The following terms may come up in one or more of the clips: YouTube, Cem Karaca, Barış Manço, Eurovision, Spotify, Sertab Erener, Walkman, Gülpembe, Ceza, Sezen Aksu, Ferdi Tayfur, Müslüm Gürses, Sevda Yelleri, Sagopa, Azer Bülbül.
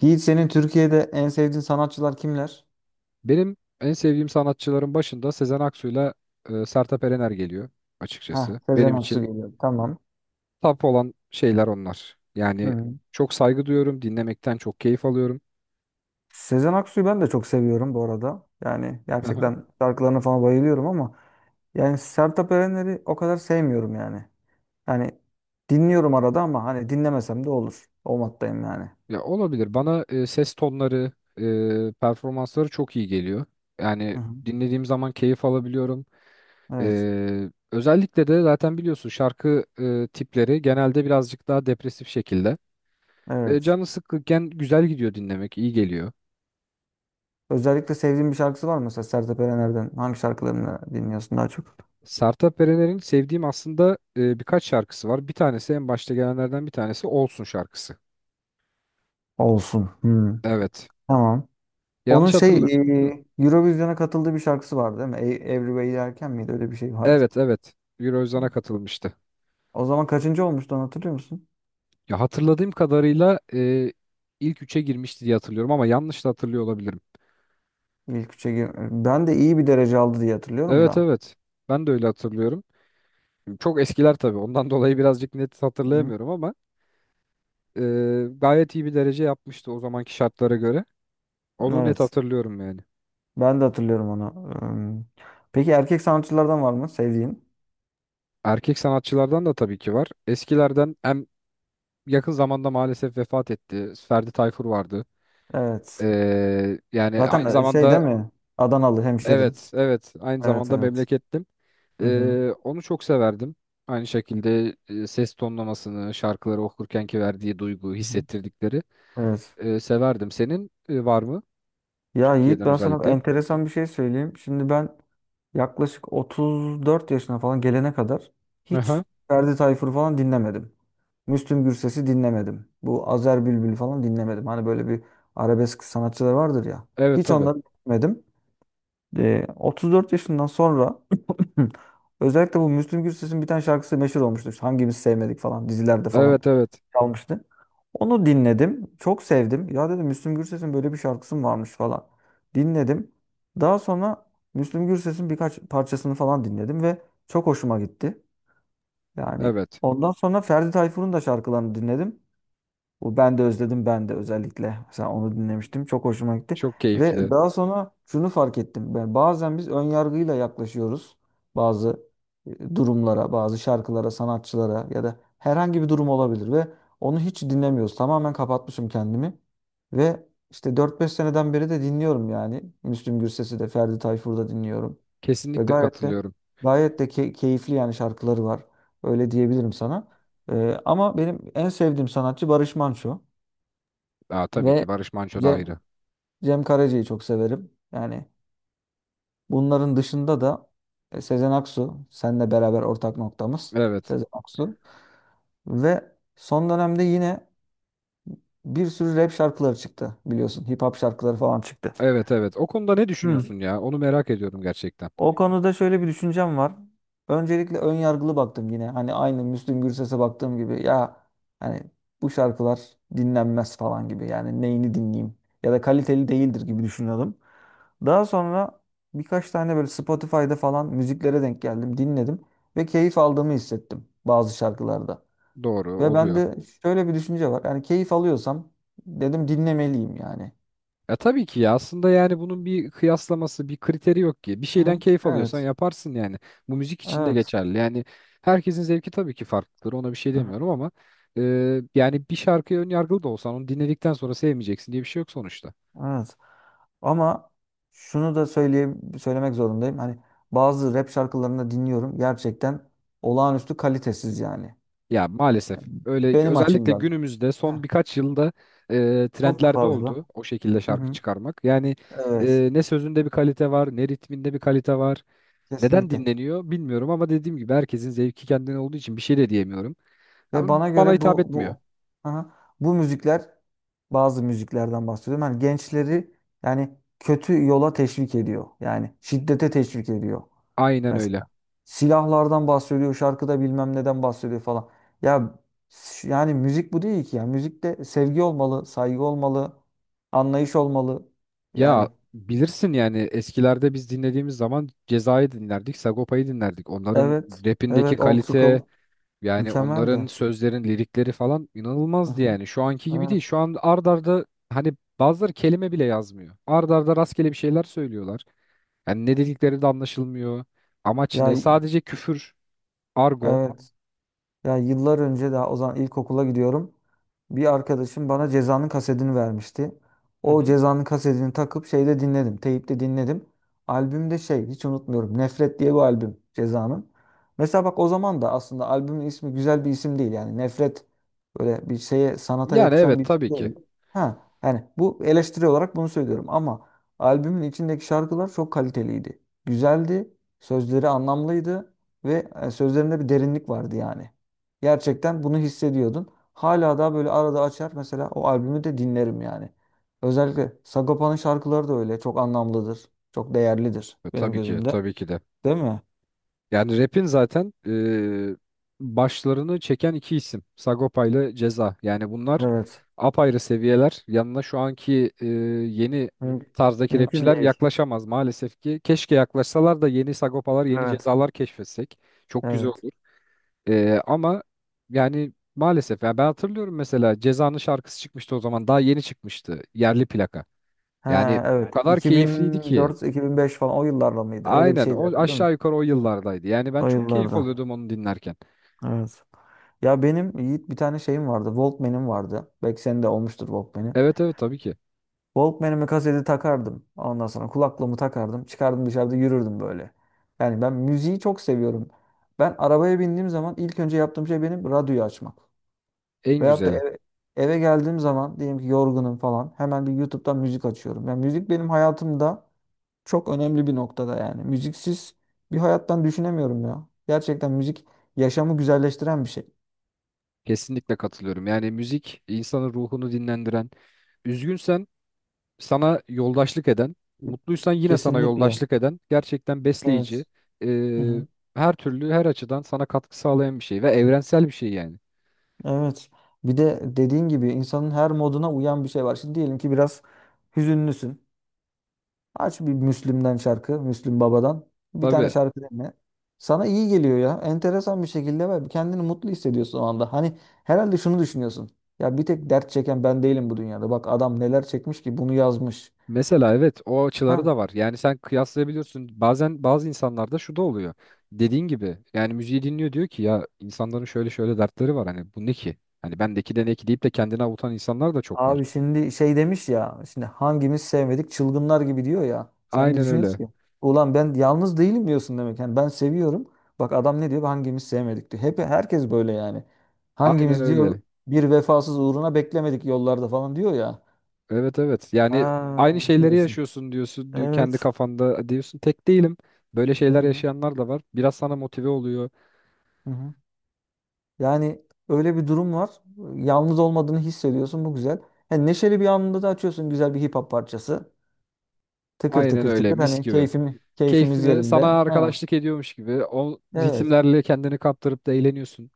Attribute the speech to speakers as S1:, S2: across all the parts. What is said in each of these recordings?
S1: Yiğit senin Türkiye'de en sevdiğin sanatçılar kimler?
S2: Benim en sevdiğim sanatçıların başında Sezen Aksu'yla Sertab Erener geliyor
S1: Ha,
S2: açıkçası.
S1: Sezen
S2: Benim
S1: Aksu
S2: için
S1: geliyor. Tamam.
S2: top olan şeyler onlar. Yani
S1: Hı.
S2: çok saygı duyuyorum, dinlemekten çok keyif alıyorum.
S1: Sezen Aksu'yu ben de çok seviyorum bu arada. Yani
S2: Hı hı.
S1: gerçekten şarkılarına falan bayılıyorum ama yani Sertab Erener'i o kadar sevmiyorum yani. Yani dinliyorum arada ama hani dinlemesem de olur. O moddayım yani.
S2: Ya olabilir. Bana ses tonları, performansları çok iyi geliyor.
S1: Hı
S2: Yani
S1: hı.
S2: dinlediğim zaman keyif alabiliyorum.
S1: Evet.
S2: Özellikle de zaten biliyorsun şarkı tipleri genelde birazcık daha depresif şekilde.
S1: Evet.
S2: Canı sıkkınken güzel gidiyor dinlemek, iyi geliyor.
S1: Özellikle sevdiğin bir şarkısı var mı mesela Sertab Erener'den? Hangi şarkılarını dinliyorsun daha çok?
S2: Sertab Erener'in sevdiğim aslında birkaç şarkısı var. Bir tanesi en başta gelenlerden bir tanesi Olsun şarkısı.
S1: Olsun. Hı.
S2: Evet.
S1: Tamam. Onun
S2: Yanlış hatırla.
S1: Eurovision'a katıldığı bir şarkısı vardı değil mi? Everywhere Derken miydi? Öyle bir şey vardı.
S2: Evet, evet. Eurovision'a katılmıştı.
S1: O zaman kaçıncı olmuştu onu hatırlıyor musun?
S2: Ya, hatırladığım kadarıyla ilk üçe girmişti diye hatırlıyorum ama yanlış da hatırlıyor olabilirim.
S1: İlk üçe gir- Ben de iyi bir derece aldı diye hatırlıyorum
S2: Evet,
S1: da.
S2: evet. Ben de öyle hatırlıyorum. Çok eskiler tabii. Ondan dolayı birazcık net
S1: Hı.
S2: hatırlayamıyorum ama e, gayet iyi bir derece yapmıştı o zamanki şartlara göre. Onu net
S1: Evet.
S2: hatırlıyorum yani.
S1: Ben de hatırlıyorum onu. Peki erkek sanatçılardan var mı sevdiğin?
S2: Erkek sanatçılardan da tabii ki var. Eskilerden hem yakın zamanda maalesef vefat etti. Ferdi Tayfur vardı.
S1: Evet.
S2: Yani aynı
S1: Zaten şey değil
S2: zamanda
S1: mi? Adanalı hemşerin.
S2: evet, evet, aynı
S1: Evet
S2: zamanda
S1: evet.
S2: memlekettim.
S1: Hı hı.
S2: Onu çok severdim. Aynı şekilde ses tonlamasını, şarkıları okurkenki verdiği duygu,
S1: Hı hı.
S2: hissettirdikleri
S1: Evet.
S2: e, severdim. Senin var mı?
S1: Ya Yiğit
S2: Türkiye'den
S1: ben sana
S2: özellikle.
S1: enteresan bir şey söyleyeyim. Şimdi ben yaklaşık 34 yaşına falan gelene kadar hiç
S2: Aha.
S1: Ferdi Tayfur falan dinlemedim. Müslüm Gürses'i dinlemedim. Bu Azer Bülbül falan dinlemedim. Hani böyle bir arabesk sanatçılar vardır ya.
S2: Evet,
S1: Hiç
S2: tabii.
S1: onları dinlemedim. 34 yaşından sonra özellikle bu Müslüm Gürses'in bir tane şarkısı meşhur olmuştu. İşte Hangimiz sevmedik falan dizilerde falan
S2: Evet, evet.
S1: çalmıştı. Onu dinledim. Çok sevdim. Ya dedim Müslüm Gürses'in böyle bir şarkısı mı varmış falan. Dinledim. Daha sonra Müslüm Gürses'in birkaç parçasını falan dinledim ve çok hoşuma gitti. Yani
S2: Evet.
S1: ondan sonra Ferdi Tayfur'un da şarkılarını dinledim. Bu ben de özledim ben de özellikle. Mesela onu dinlemiştim. Çok hoşuma gitti.
S2: Çok
S1: Ve
S2: keyifli.
S1: daha sonra şunu fark ettim. Ben bazen biz ön yargıyla yaklaşıyoruz bazı durumlara, bazı şarkılara, sanatçılara ya da herhangi bir durum olabilir ve onu hiç dinlemiyoruz. Tamamen kapatmışım kendimi. Ve işte 4-5 seneden beri de dinliyorum yani. Müslüm Gürses'i de, Ferdi Tayfur'u da dinliyorum. Ve
S2: Kesinlikle
S1: gayet de
S2: katılıyorum.
S1: gayet de keyifli yani şarkıları var. Öyle diyebilirim sana. Ama benim en sevdiğim sanatçı Barış Manço
S2: Aa, tabii
S1: ve
S2: ki Barış Manço da
S1: Cem,
S2: ayrı.
S1: Cem Karaca'yı çok severim. Yani bunların dışında da Sezen Aksu, seninle beraber ortak noktamız
S2: Evet.
S1: Sezen Aksu. Ve son dönemde yine bir sürü rap şarkıları çıktı biliyorsun. Hip hop şarkıları falan çıktı.
S2: Evet, evet. O konuda ne
S1: Hmm.
S2: düşünüyorsun ya? Onu merak ediyorum gerçekten.
S1: O konuda şöyle bir düşüncem var. Öncelikle ön yargılı baktım yine. Hani aynı Müslüm Gürses'e baktığım gibi ya hani bu şarkılar dinlenmez falan gibi. Yani neyini dinleyeyim ya da kaliteli değildir gibi düşünüyordum. Daha sonra birkaç tane böyle Spotify'da falan müziklere denk geldim, dinledim ve keyif aldığımı hissettim bazı şarkılarda.
S2: Doğru
S1: Ve
S2: oluyor.
S1: bende şöyle bir düşünce var. Yani keyif alıyorsam dedim dinlemeliyim yani.
S2: E, tabii ki ya, aslında yani bunun bir kıyaslaması, bir kriteri yok ki. Bir şeyden
S1: Hı
S2: keyif alıyorsan
S1: Evet.
S2: yaparsın yani. Bu müzik için de
S1: Evet.
S2: geçerli. Yani herkesin zevki tabii ki farklıdır. Ona bir şey
S1: Hı hı.
S2: demiyorum ama e, yani bir şarkıya ön yargılı da olsan onu dinledikten sonra sevmeyeceksin diye bir şey yok sonuçta.
S1: Evet. Ama şunu da söylemek zorundayım. Hani bazı rap şarkılarını dinliyorum. Gerçekten olağanüstü kalitesiz yani.
S2: Ya, maalesef öyle,
S1: Benim
S2: özellikle
S1: açımdan.
S2: günümüzde
S1: Heh,
S2: son birkaç yılda
S1: çok Evet.
S2: trendlerde oldu
S1: fazla.
S2: o şekilde
S1: Hı
S2: şarkı
S1: hı.
S2: çıkarmak. Yani
S1: Evet.
S2: ne sözünde bir kalite var, ne ritminde bir kalite var. Neden
S1: Kesinlikle.
S2: dinleniyor bilmiyorum ama dediğim gibi herkesin zevki kendine olduğu için bir şey de diyemiyorum.
S1: Ve
S2: Ama
S1: bana
S2: bana
S1: göre
S2: hitap
S1: bu
S2: etmiyor.
S1: bu aha, bu müzikler bazı müziklerden bahsediyorum. Hani gençleri yani kötü yola teşvik ediyor. Yani şiddete teşvik ediyor.
S2: Aynen öyle.
S1: Mesela silahlardan bahsediyor, şarkıda bilmem neden bahsediyor falan. Ya yani müzik bu değil ki ya. Müzikte sevgi olmalı, saygı olmalı, anlayış olmalı.
S2: Ya,
S1: Yani
S2: bilirsin yani eskilerde biz dinlediğimiz zaman Ceza'yı dinlerdik, Sagopa'yı dinlerdik. Onların
S1: evet,
S2: rapindeki
S1: evet old Kesinlikle.
S2: kalite,
S1: School
S2: yani onların
S1: mükemmeldi.
S2: sözlerin lirikleri falan
S1: Hı
S2: inanılmazdı
S1: hı.
S2: yani. Şu anki gibi değil.
S1: Evet.
S2: Şu an ard arda hani bazıları kelime bile yazmıyor. Ard arda rastgele bir şeyler söylüyorlar. Yani ne dedikleri de anlaşılmıyor. Amaç
S1: Ya
S2: ne? Sadece küfür, argo.
S1: evet. Ya yıllar önce daha o zaman ilkokula gidiyorum. Bir arkadaşım bana Ceza'nın kasetini vermişti.
S2: Hı
S1: O
S2: hı.
S1: Ceza'nın kasetini takıp şeyde dinledim. Teyipte dinledim. Albümde şey hiç unutmuyorum. Nefret diye bir albüm Ceza'nın. Mesela bak o zaman da aslında albümün ismi güzel bir isim değil. Yani Nefret böyle bir şeye sanata
S2: Yani
S1: yakışan
S2: evet,
S1: bir isim
S2: tabii ki.
S1: değil. Ha yani bu eleştiri olarak bunu söylüyorum ama albümün içindeki şarkılar çok kaliteliydi. Güzeldi, sözleri anlamlıydı ve sözlerinde bir derinlik vardı yani. Gerçekten bunu hissediyordun. Hala daha böyle arada açar mesela o albümü de dinlerim yani. Özellikle Sagopa'nın şarkıları da öyle. Çok anlamlıdır. Çok değerlidir
S2: E,
S1: benim
S2: tabii ki,
S1: gözümde.
S2: tabii ki de.
S1: Değil mi?
S2: Yani rap'in zaten başlarını çeken iki isim. Sagopa ile Ceza. Yani bunlar
S1: Evet.
S2: apayrı seviyeler. Yanına şu anki yeni
S1: Müm-
S2: tarzdaki
S1: mümkün
S2: rapçiler
S1: değil.
S2: yaklaşamaz maalesef ki. Keşke yaklaşsalar da yeni Sagopalar, yeni
S1: Evet.
S2: Cezalar keşfetsek. Çok güzel
S1: Evet.
S2: olur. E, ama yani maalesef. Yani ben hatırlıyorum, mesela Ceza'nın şarkısı çıkmıştı o zaman. Daha yeni çıkmıştı. Yerli plaka. Yani
S1: Ha, evet.
S2: o kadar keyifliydi ki.
S1: 2004-2005 falan o yıllarda mıydı? Öyle bir
S2: Aynen
S1: şeydi
S2: o
S1: herhalde, değil mi?
S2: aşağı yukarı o yıllardaydı. Yani ben
S1: O
S2: çok keyif
S1: yıllarda.
S2: alıyordum onu dinlerken.
S1: Evet. Ya benim Yiğit bir tane şeyim vardı. Walkman'im vardı. Belki senin de olmuştur Walkman'in.
S2: Evet, evet, tabii ki.
S1: Walkman'ime kaseti takardım. Ondan sonra kulaklığımı takardım. Çıkardım dışarıda yürürdüm böyle. Yani ben müziği çok seviyorum. Ben arabaya bindiğim zaman ilk önce yaptığım şey benim radyoyu açmak.
S2: En
S1: Veyahut da
S2: güzeli.
S1: eve geldiğim zaman diyelim ki yorgunum falan hemen bir YouTube'dan müzik açıyorum. Yani müzik benim hayatımda çok önemli bir noktada yani. Müziksiz bir hayattan düşünemiyorum ya. Gerçekten müzik yaşamı güzelleştiren bir şey.
S2: Kesinlikle katılıyorum. Yani müzik insanın ruhunu dinlendiren, üzgünsen sana yoldaşlık eden, mutluysan yine sana
S1: Kesinlikle.
S2: yoldaşlık eden gerçekten besleyici,
S1: Evet.
S2: e,
S1: Hı hı.
S2: her türlü her açıdan sana katkı sağlayan bir şey ve evrensel bir şey yani.
S1: Evet. Bir de dediğin gibi insanın her moduna uyan bir şey var. Şimdi diyelim ki biraz hüzünlüsün. Aç bir Müslüm'den şarkı, Müslüm Baba'dan. Bir tane
S2: Tabii.
S1: şarkı dinle. Sana iyi geliyor ya. Enteresan bir şekilde var. Kendini mutlu hissediyorsun o anda. Hani herhalde şunu düşünüyorsun. Ya bir tek dert çeken ben değilim bu dünyada. Bak adam neler çekmiş ki bunu yazmış.
S2: Mesela evet, o açıları
S1: Ha,
S2: da var. Yani sen kıyaslayabiliyorsun. Bazen bazı insanlarda şu da oluyor. Dediğin gibi yani müziği dinliyor diyor ki ya, insanların şöyle şöyle dertleri var, hani bu ne ki? Hani bendeki de ne ki deyip de kendini avutan insanlar da çok var.
S1: Abi şimdi şey demiş ya. Şimdi hangimiz sevmedik çılgınlar gibi diyor ya. Sen de
S2: Aynen öyle.
S1: düşünüyorsun ki. Ulan ben yalnız değilim diyorsun demek. Yani ben seviyorum. Bak adam ne diyor? Hangimiz sevmedik diyor. Hep herkes böyle yani.
S2: Aynen
S1: Hangimiz diyor
S2: öyle.
S1: bir vefasız uğruna beklemedik yollarda falan diyor ya.
S2: Evet, evet. Yani aynı
S1: Ha
S2: şeyleri
S1: diyorsun.
S2: yaşıyorsun diyorsun, diyor, kendi
S1: Evet.
S2: kafanda diyorsun tek değilim. Böyle
S1: Hı
S2: şeyler
S1: hı.
S2: yaşayanlar da var. Biraz sana motive oluyor.
S1: Hı hı. Yani öyle bir durum var. Yalnız olmadığını hissediyorsun. Bu güzel. Yani neşeli bir anında da açıyorsun güzel bir hip hop parçası. Tıkır
S2: Aynen
S1: tıkır
S2: öyle,
S1: tıkır
S2: mis
S1: hani
S2: gibi.
S1: keyfimiz
S2: Keyfini sana
S1: yerinde. Ha.
S2: arkadaşlık ediyormuş gibi o
S1: Evet.
S2: ritimlerle kendini kaptırıp da eğleniyorsun.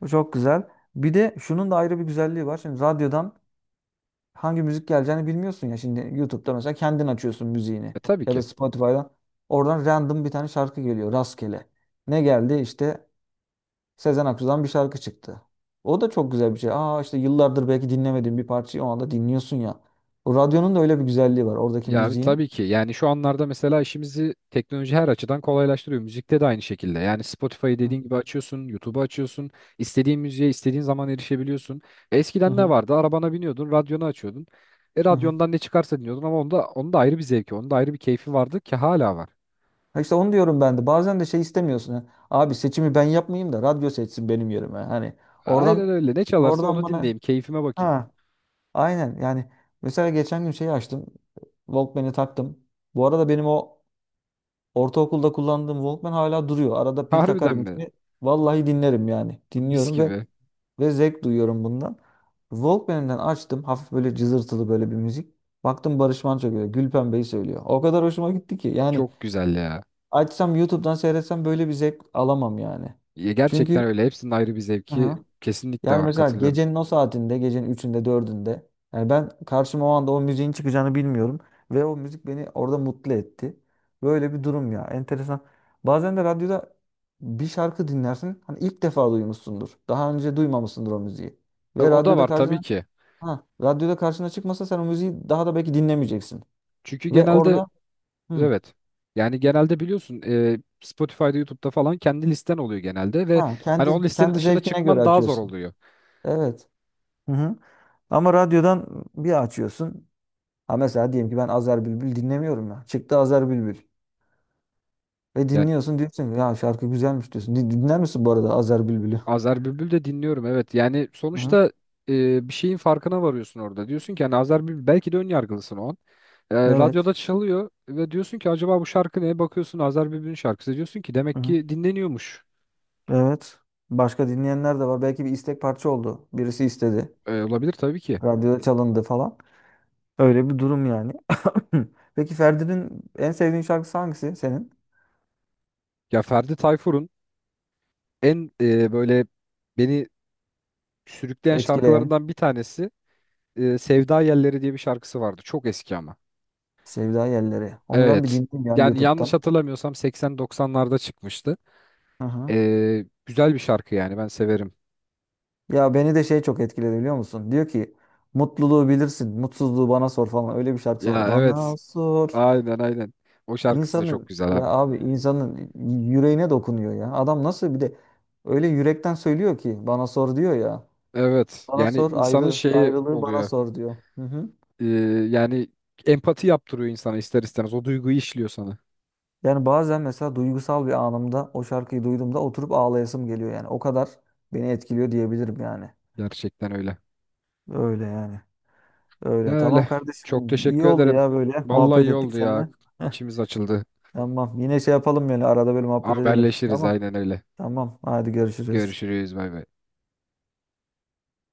S1: Bu çok güzel. Bir de şunun da ayrı bir güzelliği var. Şimdi radyodan hangi müzik geleceğini bilmiyorsun ya. Şimdi YouTube'da mesela kendin açıyorsun müziğini.
S2: E, tabii
S1: Ya da
S2: ki.
S1: Spotify'dan. Oradan random bir tane şarkı geliyor. Rastgele. Ne geldi? İşte Sezen Aksu'dan bir şarkı çıktı. O da çok güzel bir şey. Aa işte yıllardır belki dinlemediğin bir parçayı o anda dinliyorsun ya. O radyonun da öyle bir güzelliği var. Oradaki
S2: Ya,
S1: müziğin.
S2: tabii ki. Yani şu anlarda mesela işimizi teknoloji her açıdan kolaylaştırıyor. Müzikte de aynı şekilde. Yani Spotify'ı
S1: Hı
S2: dediğin gibi açıyorsun, YouTube'u açıyorsun. İstediğin müziğe istediğin zaman erişebiliyorsun. Eskiden ne
S1: hı.
S2: vardı? Arabana biniyordun, radyonu açıyordun. E,
S1: Hı hı.
S2: radyondan ne çıkarsa dinliyordun ama onda ayrı bir zevki, onda ayrı bir keyfi vardı ki hala var.
S1: Ha işte onu diyorum ben de. Bazen de şey istemiyorsun. Ha. Abi seçimi ben yapmayayım da radyo seçsin benim yerime. Hani
S2: Aynen
S1: oradan
S2: öyle. Ne çalarsa
S1: oradan
S2: onu
S1: bana
S2: dinleyeyim, keyfime bakayım.
S1: ha aynen yani mesela geçen gün şeyi açtım. Walkman'i taktım. Bu arada benim o ortaokulda kullandığım Walkman hala duruyor. Arada pil
S2: Harbiden
S1: takarım
S2: mi?
S1: içine. Vallahi dinlerim yani.
S2: Mis
S1: Dinliyorum ve
S2: gibi.
S1: ve zevk duyuyorum bundan. Walkman'den açtım. Hafif böyle cızırtılı böyle bir müzik. Baktım Barış Manço geliyor. Gülpembe'yi söylüyor. O kadar hoşuma gitti ki. Yani
S2: Çok güzel ya.
S1: Açsam YouTube'dan seyretsem böyle bir zevk alamam yani.
S2: Ya, gerçekten
S1: Çünkü
S2: öyle. Hepsinin ayrı bir zevki
S1: aha,
S2: kesinlikle
S1: yani
S2: var.
S1: mesela
S2: Katılıyorum.
S1: gecenin o saatinde, gecenin üçünde dördünde, yani ben karşıma o anda o müziğin çıkacağını bilmiyorum ve o müzik beni orada mutlu etti. Böyle bir durum ya. Enteresan. Bazen de radyoda bir şarkı dinlersin. Hani ilk defa duymuşsundur. Daha önce duymamışsındır o müziği.
S2: E,
S1: Ve
S2: o da
S1: radyoda
S2: var
S1: karşına
S2: tabii ki.
S1: ha, radyoda karşına çıkmasa sen o müziği daha da belki dinlemeyeceksin.
S2: Çünkü
S1: Ve
S2: genelde
S1: orada hı,
S2: evet. Yani genelde biliyorsun Spotify'da, YouTube'da falan kendi listen oluyor genelde ve
S1: ha,
S2: hani o
S1: kendi
S2: listenin
S1: kendi
S2: dışına
S1: zevkine göre
S2: çıkman daha zor
S1: açıyorsun.
S2: oluyor.
S1: Evet. Hı hı. Ama radyodan bir açıyorsun. Ha mesela diyelim ki ben Azer Bülbül dinlemiyorum ya. Çıktı Azer Bülbül. Ve
S2: Yani
S1: dinliyorsun diyorsun ki, ya şarkı güzelmiş diyorsun. Dinler misin bu arada Azer Bülbül'ü?
S2: Azer Bülbül de dinliyorum, evet. Yani
S1: Hı hı.
S2: sonuçta bir şeyin farkına varıyorsun orada. Diyorsun ki hani Azer Bülbül, belki de ön yargılısın o an. E,
S1: Evet.
S2: radyoda çalıyor ve diyorsun ki acaba bu şarkı ne? Bakıyorsun Azer Bülbül'ün şarkısı. Diyorsun ki
S1: Hı
S2: demek
S1: hı.
S2: ki dinleniyormuş.
S1: Evet. Başka dinleyenler de var. Belki bir istek parça oldu. Birisi istedi.
S2: E, olabilir tabii ki.
S1: Radyoda çalındı falan. Öyle bir durum yani. Peki Ferdi'nin en sevdiğin şarkısı hangisi senin?
S2: Ya Ferdi Tayfur'un en böyle beni sürükleyen
S1: Etkileyen.
S2: şarkılarından bir tanesi Sevda Yelleri diye bir şarkısı vardı. Çok eski ama.
S1: Sevda Yelleri. Onu ben bir
S2: Evet.
S1: dinleyeyim ya
S2: Yani yanlış
S1: YouTube'dan.
S2: hatırlamıyorsam 80-90'larda çıkmıştı.
S1: Aha.
S2: E, güzel bir şarkı yani ben severim.
S1: Ya beni de şey çok etkiledi biliyor musun? Diyor ki mutluluğu bilirsin, mutsuzluğu bana sor falan. Öyle bir şarkısı var.
S2: Ya,
S1: Bana
S2: evet.
S1: sor.
S2: Aynen, aynen. O şarkısı da çok
S1: İnsanın
S2: güzel
S1: ya
S2: abi.
S1: abi insanın yüreğine dokunuyor ya. Adam nasıl bir de öyle yürekten söylüyor ki bana sor diyor ya.
S2: Evet.
S1: Bana
S2: Yani
S1: sor
S2: insanın
S1: ayrı
S2: şeyi
S1: ayrılığı bana
S2: oluyor.
S1: sor diyor. Hı hı.
S2: E, yani empati yaptırıyor insana ister istemez. O duyguyu işliyor sana.
S1: Yani bazen mesela duygusal bir anımda o şarkıyı duyduğumda oturup ağlayasım geliyor yani. O kadar beni etkiliyor diyebilirim yani.
S2: Gerçekten öyle.
S1: Öyle yani. Öyle. Tamam
S2: Öyle.
S1: kardeşim.
S2: Çok
S1: İyi
S2: teşekkür
S1: oldu
S2: ederim.
S1: ya böyle
S2: Vallahi
S1: muhabbet
S2: iyi
S1: ettik
S2: oldu ya.
S1: seninle.
S2: İçimiz açıldı.
S1: Tamam. Yine şey yapalım yani arada böyle muhabbet edelim.
S2: Haberleşiriz
S1: Tamam.
S2: aynen öyle.
S1: Tamam. Tamam. Hadi görüşürüz.
S2: Görüşürüz, bay bay.